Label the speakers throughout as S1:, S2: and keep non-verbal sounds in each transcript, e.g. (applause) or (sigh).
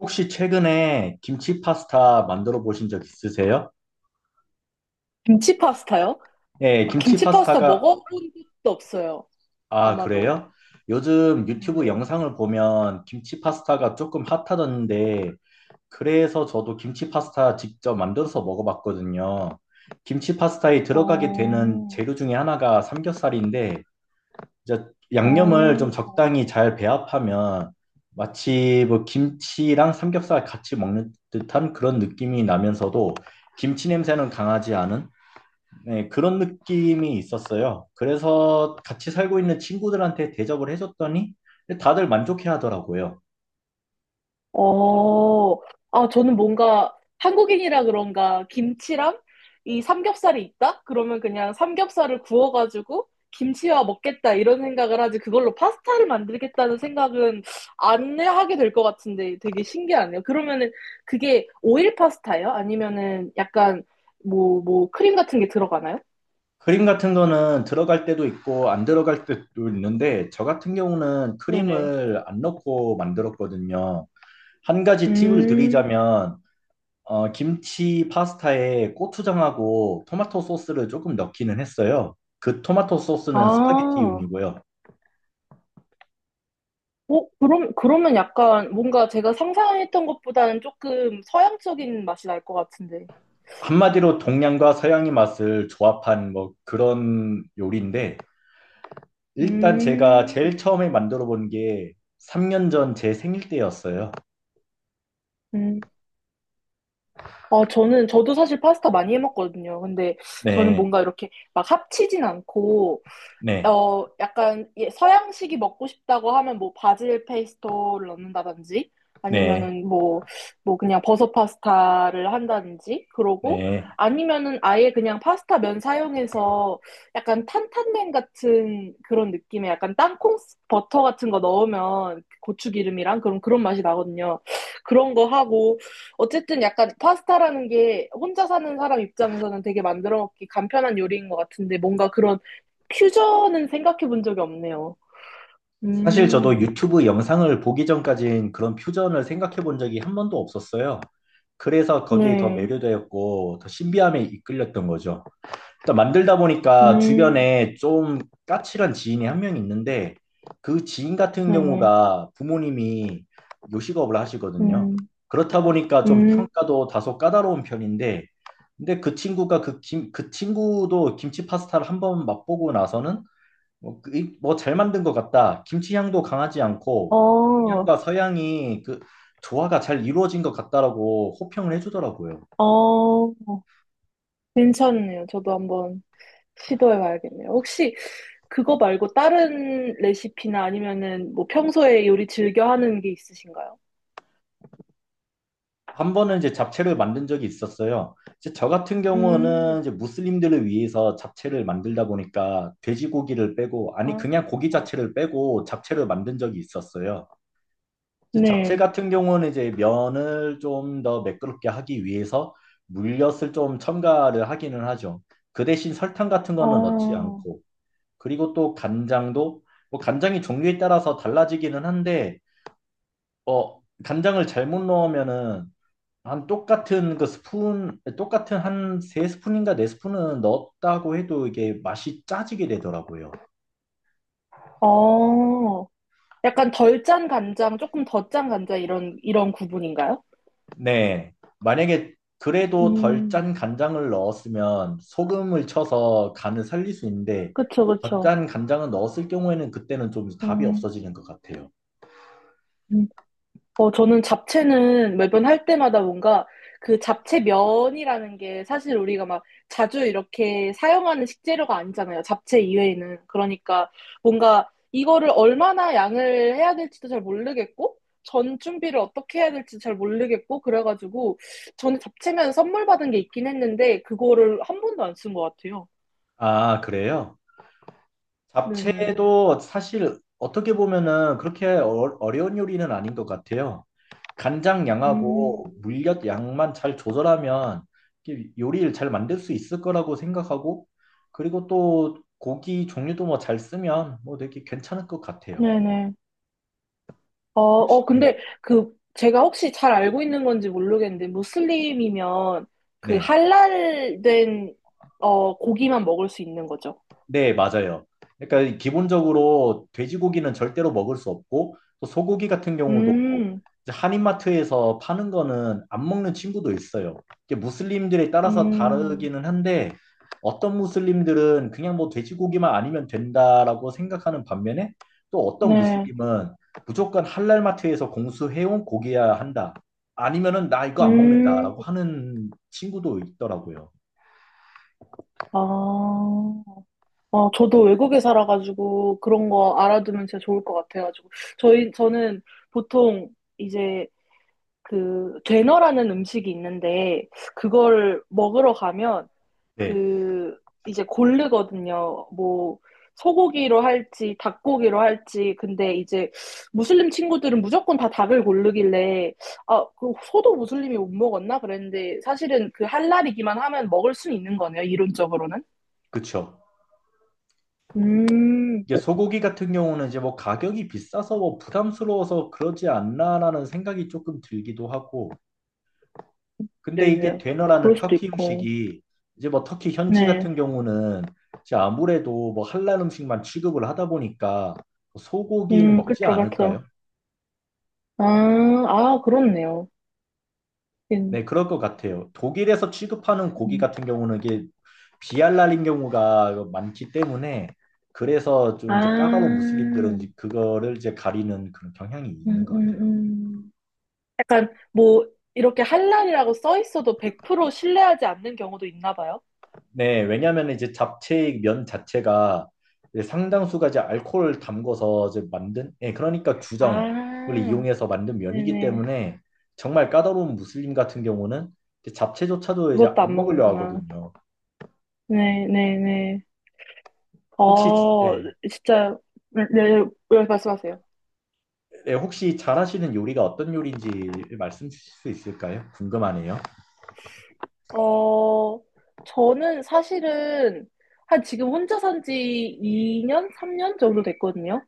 S1: 혹시 최근에 김치 파스타 만들어 보신 적 있으세요?
S2: 김치 파스타요?
S1: 네,
S2: 아,
S1: 김치
S2: 김치 파스타
S1: 파스타가,
S2: 먹어본 적도 없어요.
S1: 아,
S2: 아마도.
S1: 그래요? 요즘 유튜브
S2: 네네.
S1: 영상을 보면 김치 파스타가 조금 핫하던데, 그래서 저도 김치 파스타 직접 만들어서 먹어봤거든요. 김치 파스타에 들어가게 되는
S2: 어,
S1: 재료 중에 하나가 삼겹살인데, 이제 양념을 좀
S2: 어,
S1: 적당히 잘 배합하면 마치 뭐 김치랑 삼겹살 같이 먹는 듯한 그런 느낌이 나면서도 김치 냄새는 강하지 않은, 네, 그런 느낌이 있었어요. 그래서 같이 살고 있는 친구들한테 대접을 해줬더니 다들 만족해 하더라고요.
S2: 어. 아, 저는 뭔가 한국인이라 그런가 김치랑 이 삼겹살이 있다? 그러면 그냥 삼겹살을 구워가지고 김치와 먹겠다 이런 생각을 하지 그걸로 파스타를 만들겠다는 생각은 안 하게 될 것 같은데 되게 신기하네요. 그러면은 그게 오일 파스타예요? 아니면은 약간 뭐 크림 같은 게 들어가나요?
S1: 크림 같은 거는 들어갈 때도 있고 안 들어갈 때도 있는데, 저 같은 경우는
S2: 네네.
S1: 크림을 안 넣고 만들었거든요. 한 가지 팁을
S2: 음,
S1: 드리자면 김치 파스타에 고추장하고 토마토 소스를 조금 넣기는 했어요. 그 토마토
S2: 아,
S1: 소스는
S2: 어,
S1: 스파게티용이고요.
S2: 그럼, 그러면 약간 뭔가 제가 상상했던 것보다는 조금 서양적인 맛이 날 것 같은데.
S1: 한마디로 동양과 서양의 맛을 조합한 뭐 그런 요리인데, 일단 제가
S2: 음,
S1: 제일 처음에 만들어 본 게 3년 전 제 생일 때였어요.
S2: 음. 아, 저도 사실 파스타 많이 해 먹거든요. 근데 저는
S1: 네,
S2: 뭔가 이렇게 막 합치진 않고,
S1: 네,
S2: 약간 예, 서양식이 먹고 싶다고 하면 뭐 바질 페이스토를 넣는다든지
S1: 네,
S2: 아니면은 뭐 그냥 버섯 파스타를 한다든지 그러고
S1: 네.
S2: 아니면은 아예 그냥 파스타 면 사용해서 약간 탄탄면 같은 그런 느낌의 약간 땅콩 버터 같은 거 넣으면 고추기름이랑 그런 맛이 나거든요. 그런 거 하고 어쨌든 약간 파스타라는 게 혼자 사는 사람 입장에서는 되게 만들어 먹기 간편한 요리인 것 같은데 뭔가 그런 퓨전은 생각해 본 적이 없네요.
S1: 사실 저도
S2: 음,
S1: 유튜브 영상을 보기 전까진 그런 퓨전을 생각해 본 적이 한 번도 없었어요. 그래서 거기에 더
S2: 네.
S1: 매료되었고, 더 신비함에 이끌렸던 거죠. 일단 만들다 보니까
S2: 음,
S1: 주변에 좀 까칠한 지인이 한 명 있는데, 그 지인 같은
S2: 네네.
S1: 경우가 부모님이 요식업을 하시거든요.
S2: 음,
S1: 그렇다 보니까 좀
S2: 음.
S1: 평가도 다소 까다로운 편인데, 근데 그 친구가 그 친구도 김치 파스타를 한번 맛보고 나서는 뭐 그 뭐, 잘 만든 것 같다. 김치 향도 강하지 않고
S2: 어,
S1: 동양과 서양이 그 조화가 잘 이루어진 것 같다라고 호평을 해주더라고요.
S2: 어, 괜찮네요. 저도 한번 시도해 봐야겠네요. 혹시 그거 말고 다른 레시피나 아니면은 뭐 평소에 요리 즐겨 하는 게 있으신가요?
S1: 한 번은 이제 잡채를 만든 적이 있었어요. 이제 저 같은
S2: 음,
S1: 경우는 이제 무슬림들을 위해서 잡채를 만들다 보니까 돼지고기를 빼고, 아니,
S2: 아,
S1: 그냥 고기
S2: 아,
S1: 자체를 빼고 잡채를 만든 적이 있었어요. 이제 잡채
S2: 네.
S1: 같은 경우는 이제 면을 좀 더 매끄럽게 하기 위해서 물엿을 좀 첨가를 하기는 하죠. 그 대신 설탕 같은 거는 넣지
S2: 어,
S1: 않고, 그리고 또 간장도, 뭐 간장이 종류에 따라서 달라지기는 한데, 간장을 잘못 넣으면은 한 똑같은 그 스푼, 똑같은 한 세 스푼인가 네 스푼은 넣었다고 해도 이게 맛이 짜지게 되더라고요.
S2: 어. 약간 덜 짠 간장, 조금 더 짠 간장 이런 구분인가요?
S1: 네. 만약에 그래도 덜
S2: 음,
S1: 짠 간장을 넣었으면 소금을 쳐서 간을 살릴 수 있는데,
S2: 그쵸,
S1: 더
S2: 그쵸.
S1: 짠 간장을 넣었을 경우에는 그때는 좀 답이
S2: 음,
S1: 없어지는 것 같아요.
S2: 음. 저는 잡채는 매번 할 때마다 뭔가 그 잡채 면이라는 게 사실 우리가 막 자주 이렇게 사용하는 식재료가 아니잖아요. 잡채 이외에는. 그러니까 뭔가 이거를 얼마나 양을 해야 될지도 잘 모르겠고, 전 준비를 어떻게 해야 될지 잘 모르겠고, 그래가지고 저는 잡채면 선물 받은 게 있긴 했는데, 그거를 한 번도 안 쓴 것 같아요.
S1: 아, 그래요?
S2: 네네.
S1: 잡채도 사실 어떻게 보면은 그렇게 어려운 요리는 아닌 것 같아요. 간장
S2: 음,
S1: 양하고 물엿 양만 잘 조절하면 이게 요리를 잘 만들 수 있을 거라고 생각하고, 그리고 또 고기 종류도 뭐 잘 쓰면 뭐 되게 괜찮을 것 같아요.
S2: 네네. 어, 어,
S1: 음.
S2: 근데 그 제가 혹시 잘 알고 있는 건지 모르겠는데 무슬림이면 그
S1: 네.
S2: 할랄된 어, 고기만 먹을 수 있는 거죠.
S1: 네, 맞아요. 그러니까 기본적으로 돼지고기는 절대로 먹을 수 없고 또 소고기 같은 경우도
S2: 음,
S1: 이제 한인마트에서 파는 거는 안 먹는 친구도 있어요. 이게 무슬림들에 따라서
S2: 음,
S1: 다르기는 한데 어떤 무슬림들은 그냥 뭐 돼지고기만 아니면 된다라고 생각하는 반면에, 또 어떤
S2: 네,
S1: 무슬림은 무조건 할랄마트에서 공수해온 고기야 한다. 아니면은 나 이거 안
S2: 음,
S1: 먹는다라고 하는 친구도 있더라고요.
S2: 아, 저도 외국에 살아가지고 그런 거 알아두면 진짜 좋을 것 같아가지고 저희 저는 보통 이제 그 되너라는 음식이 있는데 그걸 먹으러 가면
S1: 네,
S2: 그 이제 고르거든요. 뭐 소고기로 할지 닭고기로 할지 근데 이제 무슬림 친구들은 무조건 다 닭을 고르길래 아, 그 소도 무슬림이 못 먹었나 그랬는데 사실은 그 할랄이기만 하면 먹을 수 있는 거네요. 이론적으로는.
S1: 그쵸.
S2: 음,
S1: 이게 소고기 같은 경우는 이제 뭐 가격이 비싸서 뭐 부담스러워서 그러지 않나라는 생각이 조금 들기도 하고, 근데 이게
S2: 네네요.
S1: 되너라는
S2: 그럴 수도
S1: 터키
S2: 있고.
S1: 음식이 이제 뭐 터키 현지
S2: 네.
S1: 같은 경우는 이제 아무래도 뭐 할랄 음식만 취급을 하다 보니까 소고기는 먹지
S2: 그쵸, 그쵸.
S1: 않을까요?
S2: 아, 아, 그렇네요. 음,
S1: 네, 그럴 것 같아요. 독일에서 취급하는 고기
S2: 음.
S1: 같은 경우는 이게 비할랄인 경우가 많기 때문에 그래서
S2: 아,
S1: 좀 이제 까다로운 무슬림들은 이제
S2: 음,
S1: 그거를 이제 가리는 그런 경향이 있는
S2: 음,
S1: 것 같아요.
S2: 음. 약간 뭐 이렇게 한란이라고 써 있어도 100% 신뢰하지 않는 경우도 있나 봐요.
S1: 네, 왜냐하면 이제 잡채 의 면 자체가 이제 상당수가 이제 알코올을 담궈서 이제 만든, 예, 그러니까 주정을
S2: 아,
S1: 이용해서 만든 면이기
S2: 네네.
S1: 때문에 정말 까다로운 무슬림 같은 경우는 이제 잡채조차도 이제
S2: 그것도
S1: 안
S2: 안
S1: 먹으려
S2: 먹는구나.
S1: 하거든요.
S2: 네네네.
S1: 혹시,
S2: 어,
S1: 예,
S2: 진짜, 네, 네, 네, 말씀하세요.
S1: 예, 혹시 잘하시는 요리가 어떤 요리인지 말씀 주실 수 있을까요? 궁금하네요.
S2: 어, 저는 사실은 한 지금 혼자 산지 2년, 3년 정도 됐거든요.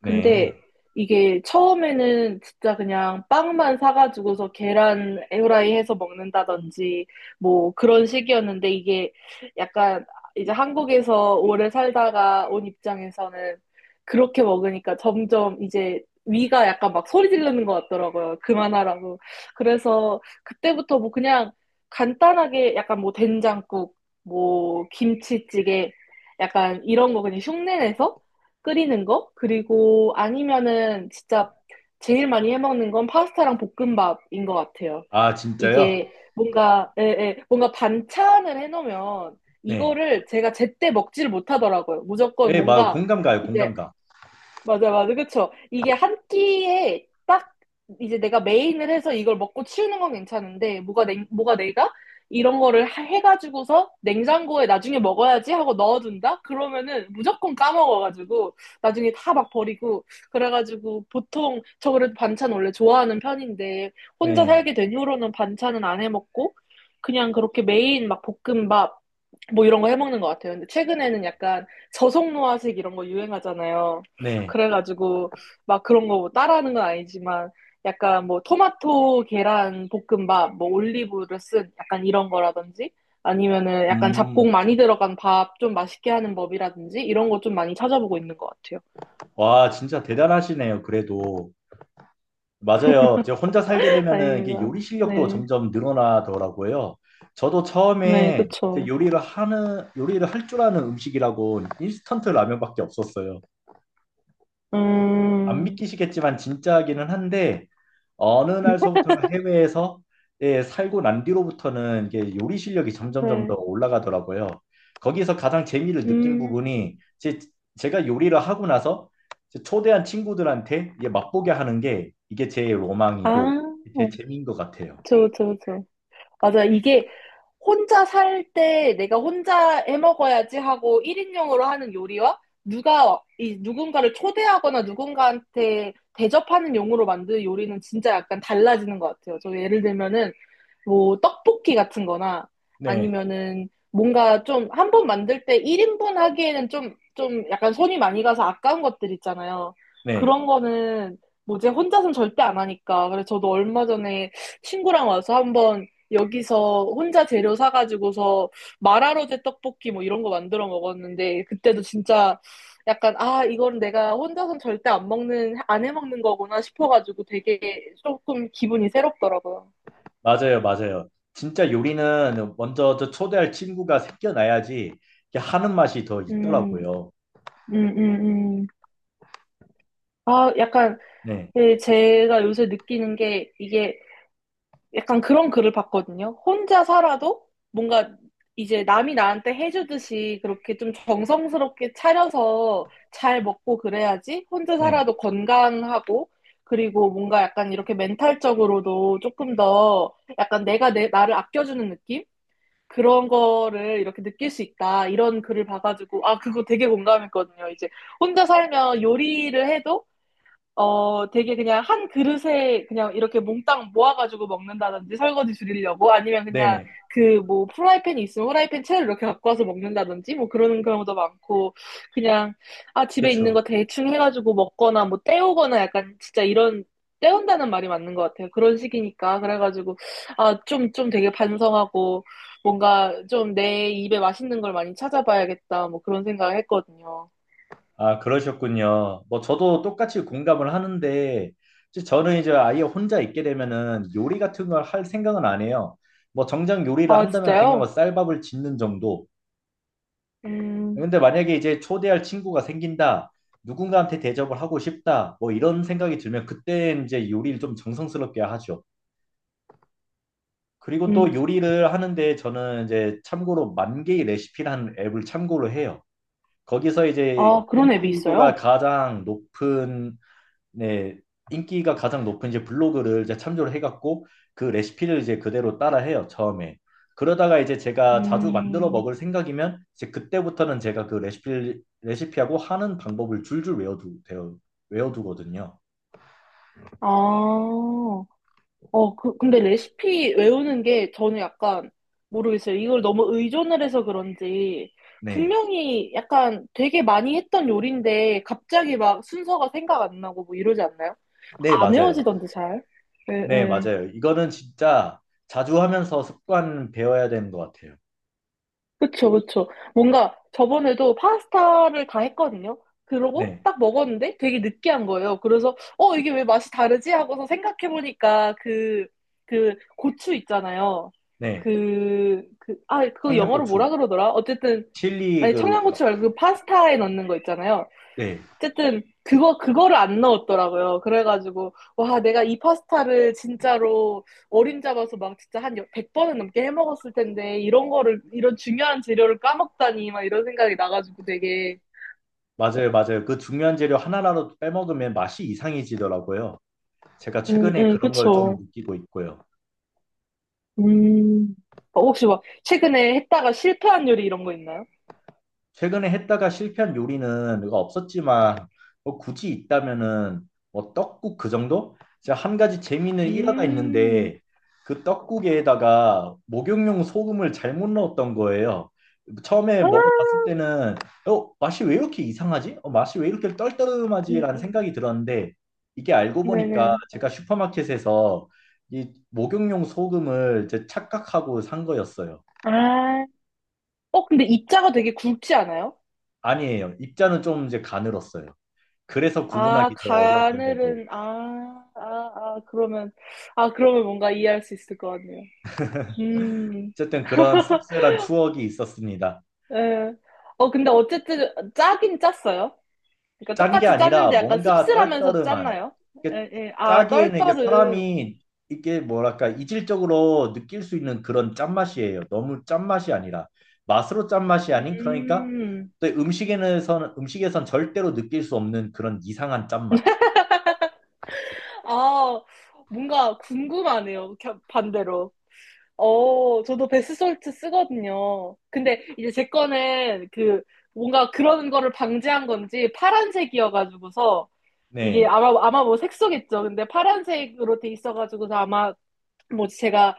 S1: 네.
S2: 근데 이게 처음에는 진짜 그냥 빵만 사가지고서 계란 후라이 해서 먹는다든지 뭐 그런 식이었는데 이게 약간 이제 한국에서 오래 살다가 온 입장에서는 그렇게 먹으니까 점점 이제 위가 약간 막 소리 지르는 것 같더라고요. 그만하라고. 그래서 그때부터 뭐 그냥 간단하게 약간 뭐 된장국, 뭐 김치찌개 약간 이런 거 그냥 흉내내서 끓이는 거? 그리고 아니면은 진짜 제일 많이 해먹는 건 파스타랑 볶음밥인 것 같아요.
S1: 아, 진짜요?
S2: 이게 뭔가, 예, 예, 뭔가 반찬을 해놓으면
S1: 네.
S2: 이거를 제가 제때 먹지를 못하더라고요. 무조건
S1: 예, 막
S2: 뭔가
S1: 공감 가요,
S2: 이제
S1: 공감 가.
S2: 맞아, 맞아. 그쵸? 이게 한 끼에 딱 이제 내가 메인을 해서 이걸 먹고 치우는 건 괜찮은데, 뭐가, 냉, 뭐가 내가 이런 거를 해가지고서 냉장고에 나중에 먹어야지 하고 넣어둔다? 그러면은 무조건 까먹어가지고, 나중에 다 막 버리고, 그래가지고 보통 저 그래도 반찬 원래 좋아하는 편인데, 혼자
S1: 네.
S2: 살게 된 후로는 반찬은 안 해먹고, 그냥 그렇게 메인 막 볶음밥, 뭐 이런 거 해먹는 것 같아요. 근데 최근에는 약간 저속노화식 이런 거 유행하잖아요.
S1: 네.
S2: 그래가지고 막 그런 거뭐 따라하는 건 아니지만 약간 뭐 토마토 계란 볶음밥 뭐 올리브를 쓴 약간 이런 거라든지 아니면은 약간 잡곡
S1: 음,
S2: 많이 들어간 밥 좀 맛있게 하는 법이라든지 이런 거 좀 많이 찾아보고 있는 것 같아요.
S1: 와, 진짜 대단하시네요, 그래도. 맞아요. 이제 혼자 살게
S2: (laughs)
S1: 되면은 이게
S2: 아닙니다.
S1: 요리 실력도
S2: 네.
S1: 점점 늘어나더라고요. 저도
S2: 네,
S1: 처음에 이제
S2: 그쵸.
S1: 요리를 할 줄 아는 음식이라고 인스턴트 라면밖에 없었어요. 안
S2: 음,
S1: 믿기시겠지만 진짜기는 한데 어느 날서부터가 해외에서, 예, 살고 난 뒤로부터는 이게 요리 실력이 점점점 더
S2: 네.
S1: 올라가더라고요. 거기에서 가장 재미를 느낀
S2: 음,
S1: 부분이 제가 요리를 하고 나서 이제 초대한 친구들한테 이게 맛보게 하는 게 이게 제
S2: 아,
S1: 로망이고 제 재미인 것 같아요.
S2: 그쵸, 그쵸, 그쵸. 맞아. 이게 혼자 살 때 내가 혼자 해 먹어야지 하고 1인용으로 하는 요리와 누가 이 누군가를 초대하거나 누군가한테 대접하는 용으로 만든 요리는 진짜 약간 달라지는 것 같아요. 저 예를 들면은 뭐 떡볶이 같은 거나
S1: 네,
S2: 아니면은 뭔가 좀 한 번 만들 때 1인분 하기에는 좀 약간 손이 많이 가서 아까운 것들 있잖아요.
S1: 네,
S2: 그런 거는 뭐지 혼자서는 절대 안 하니까. 그래서 저도 얼마 전에 친구랑 와서 한번 여기서 혼자 재료 사가지고서 마라로제 떡볶이 뭐 이런 거 만들어 먹었는데 그때도 진짜 약간 아 이건 내가 혼자선 절대 안 해 먹는 거구나 싶어가지고 되게 조금 기분이 새롭더라고요.
S1: 맞아요, 맞아요. 진짜 요리는 먼저 저 초대할 친구가 생겨나야지 이게 하는 맛이 더
S2: 음,
S1: 있더라고요.
S2: 음, 음, 음. 아 약간
S1: 네,
S2: 예, 제가 요새 느끼는 게 이게 약간 그런 글을 봤거든요. 혼자 살아도 뭔가 이제 남이 나한테 해주듯이 그렇게 좀 정성스럽게 차려서 잘 먹고 그래야지 혼자
S1: 네,
S2: 살아도 건강하고 그리고 뭔가 약간 이렇게 멘탈적으로도 조금 더 약간 나를 아껴주는 느낌? 그런 거를 이렇게 느낄 수 있다. 이런 글을 봐가지고, 아, 그거 되게 공감했거든요. 이제 혼자 살면 요리를 해도 어, 되게 그냥 한 그릇에 그냥 이렇게 몽땅 모아가지고 먹는다든지 설거지 줄이려고 아니면
S1: 네,
S2: 그냥
S1: 네,
S2: 그 뭐 프라이팬이 있으면 프라이팬 채를 이렇게 갖고 와서 먹는다든지 뭐 그러는 경우도 많고 그냥 아, 집에 있는 거
S1: 그렇죠.
S2: 대충 해가지고 먹거나 뭐 때우거나 약간 진짜 이런 때운다는 말이 맞는 것 같아요. 그런 식이니까. 그래가지고 아, 좀 되게 반성하고 뭔가 좀 내 입에 맛있는 걸 많이 찾아봐야겠다 뭐 그런 생각을 했거든요.
S1: 아, 그러셨군요. 뭐 저도 똑같이 공감을 하는데, 이제 저는 이제 아예 혼자 있게 되면은 요리 같은 걸 할 생각은 안 해요. 뭐 정작 요리를
S2: 아,
S1: 한다면 그냥 뭐
S2: 진짜요?
S1: 쌀밥을 짓는 정도.
S2: 음,
S1: 근데 만약에 이제 초대할 친구가 생긴다. 누군가한테 대접을 하고 싶다. 뭐 이런 생각이 들면 그때 이제 요리를 좀 정성스럽게 하죠. 그리고 또
S2: 음.
S1: 요리를 하는데 저는 이제 참고로 만개의 레시피라는 앱을 참고로 해요. 거기서 이제
S2: 아, 그런 앱이
S1: 인기도가
S2: 있어요?
S1: 가장 높은, 네, 인기가 가장 높은 이제 블로그를 이제 참조를 해갖고 그 레시피를 이제 그대로 따라해요, 처음에. 그러다가 이제 제가 자주 만들어
S2: 음,
S1: 먹을 생각이면 이제 그때부터는 제가 그 레시피, 레시피하고 하는 방법을 줄줄 외워두, 되어, 외워두거든요.
S2: 아, 어, 그, 근데 레시피 외우는 게 저는 약간 모르겠어요. 이걸 너무 의존을 해서 그런지
S1: 네.
S2: 분명히 약간 되게 많이 했던 요리인데 갑자기 막 순서가 생각 안 나고 뭐 이러지 않나요?
S1: 네,
S2: 안
S1: 맞아요.
S2: 외워지던데 잘. 예,
S1: 네,
S2: 예.
S1: 맞아요. 이거는 진짜 자주 하면서 습관 배워야 되는 것 같아요.
S2: 그쵸, 그쵸. 뭔가 저번에도 파스타를 다 했거든요. 그러고
S1: 네,
S2: 딱 먹었는데 되게 느끼한 거예요. 그래서, 어, 이게 왜 맛이 다르지? 하고서 생각해보니까 그, 그 고추 있잖아요.
S1: 네.
S2: 아, 그거 영어로
S1: 청양고추,
S2: 뭐라 그러더라? 어쨌든,
S1: 칠리
S2: 아니,
S1: 그,
S2: 청양고추 말고 그 파스타에 넣는 거 있잖아요.
S1: 네,
S2: 어쨌든 그거를 안 넣었더라고요. 그래가지고 와 내가 이 파스타를 진짜로 어림 잡아서 막 진짜 한 100번은 넘게 해 먹었을 텐데 이런 거를 이런 중요한 재료를 까먹다니 막 이런 생각이 나가지고 되게
S1: 맞아요, 맞아요. 그 중요한 재료 하나라도 빼먹으면 맛이 이상해지더라고요. 제가 최근에 그런 걸 좀
S2: 그쵸.
S1: 느끼고 있고요.
S2: 음 어, 혹시 막 최근에 했다가 실패한 요리 이런 거 있나요?
S1: 최근에 했다가 실패한 요리는 뭐가 없었지만 뭐 굳이 있다면은 뭐 떡국 그 정도? 제가 한 가지 재미는 일화가
S2: 음,
S1: 있는데 그 떡국에다가 목욕용 소금을 잘못 넣었던 거예요. 처음에 먹어봤을
S2: 아,
S1: 때는 어, 맛이 왜 이렇게 이상하지? 어, 맛이 왜 이렇게
S2: 음,
S1: 떨떠름하지라는
S2: 음.
S1: 생각이 들었는데 이게 알고 보니까
S2: 네네.
S1: 제가 슈퍼마켓에서 이 목욕용 소금을 이제 착각하고 산 거였어요.
S2: 아, 어 근데 입자가 되게 굵지 않아요?
S1: 아니에요. 입자는 좀 이제 가늘었어요. 그래서
S2: 아,
S1: 구분하기 더 어려웠던 거고.
S2: 가늘은, 아, 아, 아, 그러면, 아, 그러면 뭔가 이해할 수 있을 것 같네요. 음,
S1: 어쨌든 그런 씁쓸한 추억이 있었습니다.
S2: 예. 어, 근데 어쨌든 짜긴 짰어요. 그러니까
S1: 짠 게
S2: 똑같이
S1: 아니라
S2: 짰는데 약간
S1: 뭔가
S2: 씁쓸하면서
S1: 떨떠름한.
S2: 짰나요?
S1: 이게
S2: 예, 예. 아,
S1: 짜기에는 이게
S2: 떨떠름.
S1: 사람이 이게 뭐랄까 이질적으로 느낄 수 있는 그런 짠맛이에요. 너무 짠맛이 아니라 맛으로 짠맛이 아닌 그러니까
S2: 음,
S1: 또 음식에는 음식에선 절대로 느낄 수 없는 그런 이상한 짠맛.
S2: 아, 뭔가 궁금하네요. 반대로. 어, 저도 베스솔트 쓰거든요. 근데 이제 제 거는 그, 뭔가 그런 거를 방지한 건지 파란색이어가지고서 이게
S1: 네.
S2: 아마 뭐 색소겠죠. 근데 파란색으로 돼 있어가지고서 아마 뭐 제가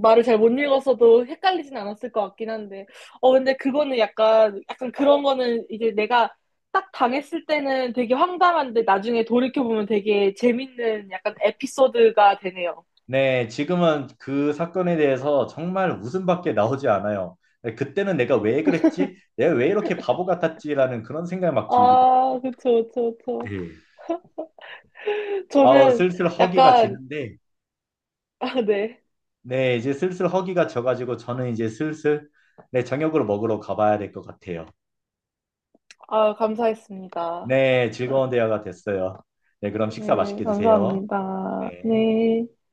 S2: 말을 잘 못 읽었어도 헷갈리진 않았을 것 같긴 한데 어 근데 그거는 약간 그런 거는 이제 내가 딱 당했을 때는 되게 황당한데 나중에 돌이켜 보면 되게 재밌는 약간 에피소드가 되네요.
S1: 네, 지금은 그 사건에 대해서 정말 웃음밖에 나오지 않아요. 네, 그때는 내가 왜 그랬지? 내가 왜 이렇게 바보 같았지라는 그런 생각이 막 들기도.
S2: 아 그쵸 그쵸 그쵸.
S1: 예. 아,
S2: 저는
S1: 슬슬 허기가
S2: 약간
S1: 지는데,
S2: 아 네.
S1: 네, 이제 슬슬 허기가 져가지고 저는 이제 슬슬, 네, 저녁으로 먹으러 가봐야 될 것 같아요.
S2: 아 감사했습니다.
S1: 네, 즐거운 대화가 됐어요. 네, 그럼 식사
S2: 네
S1: 맛있게 드세요.
S2: 감사합니다.
S1: 네.
S2: 네.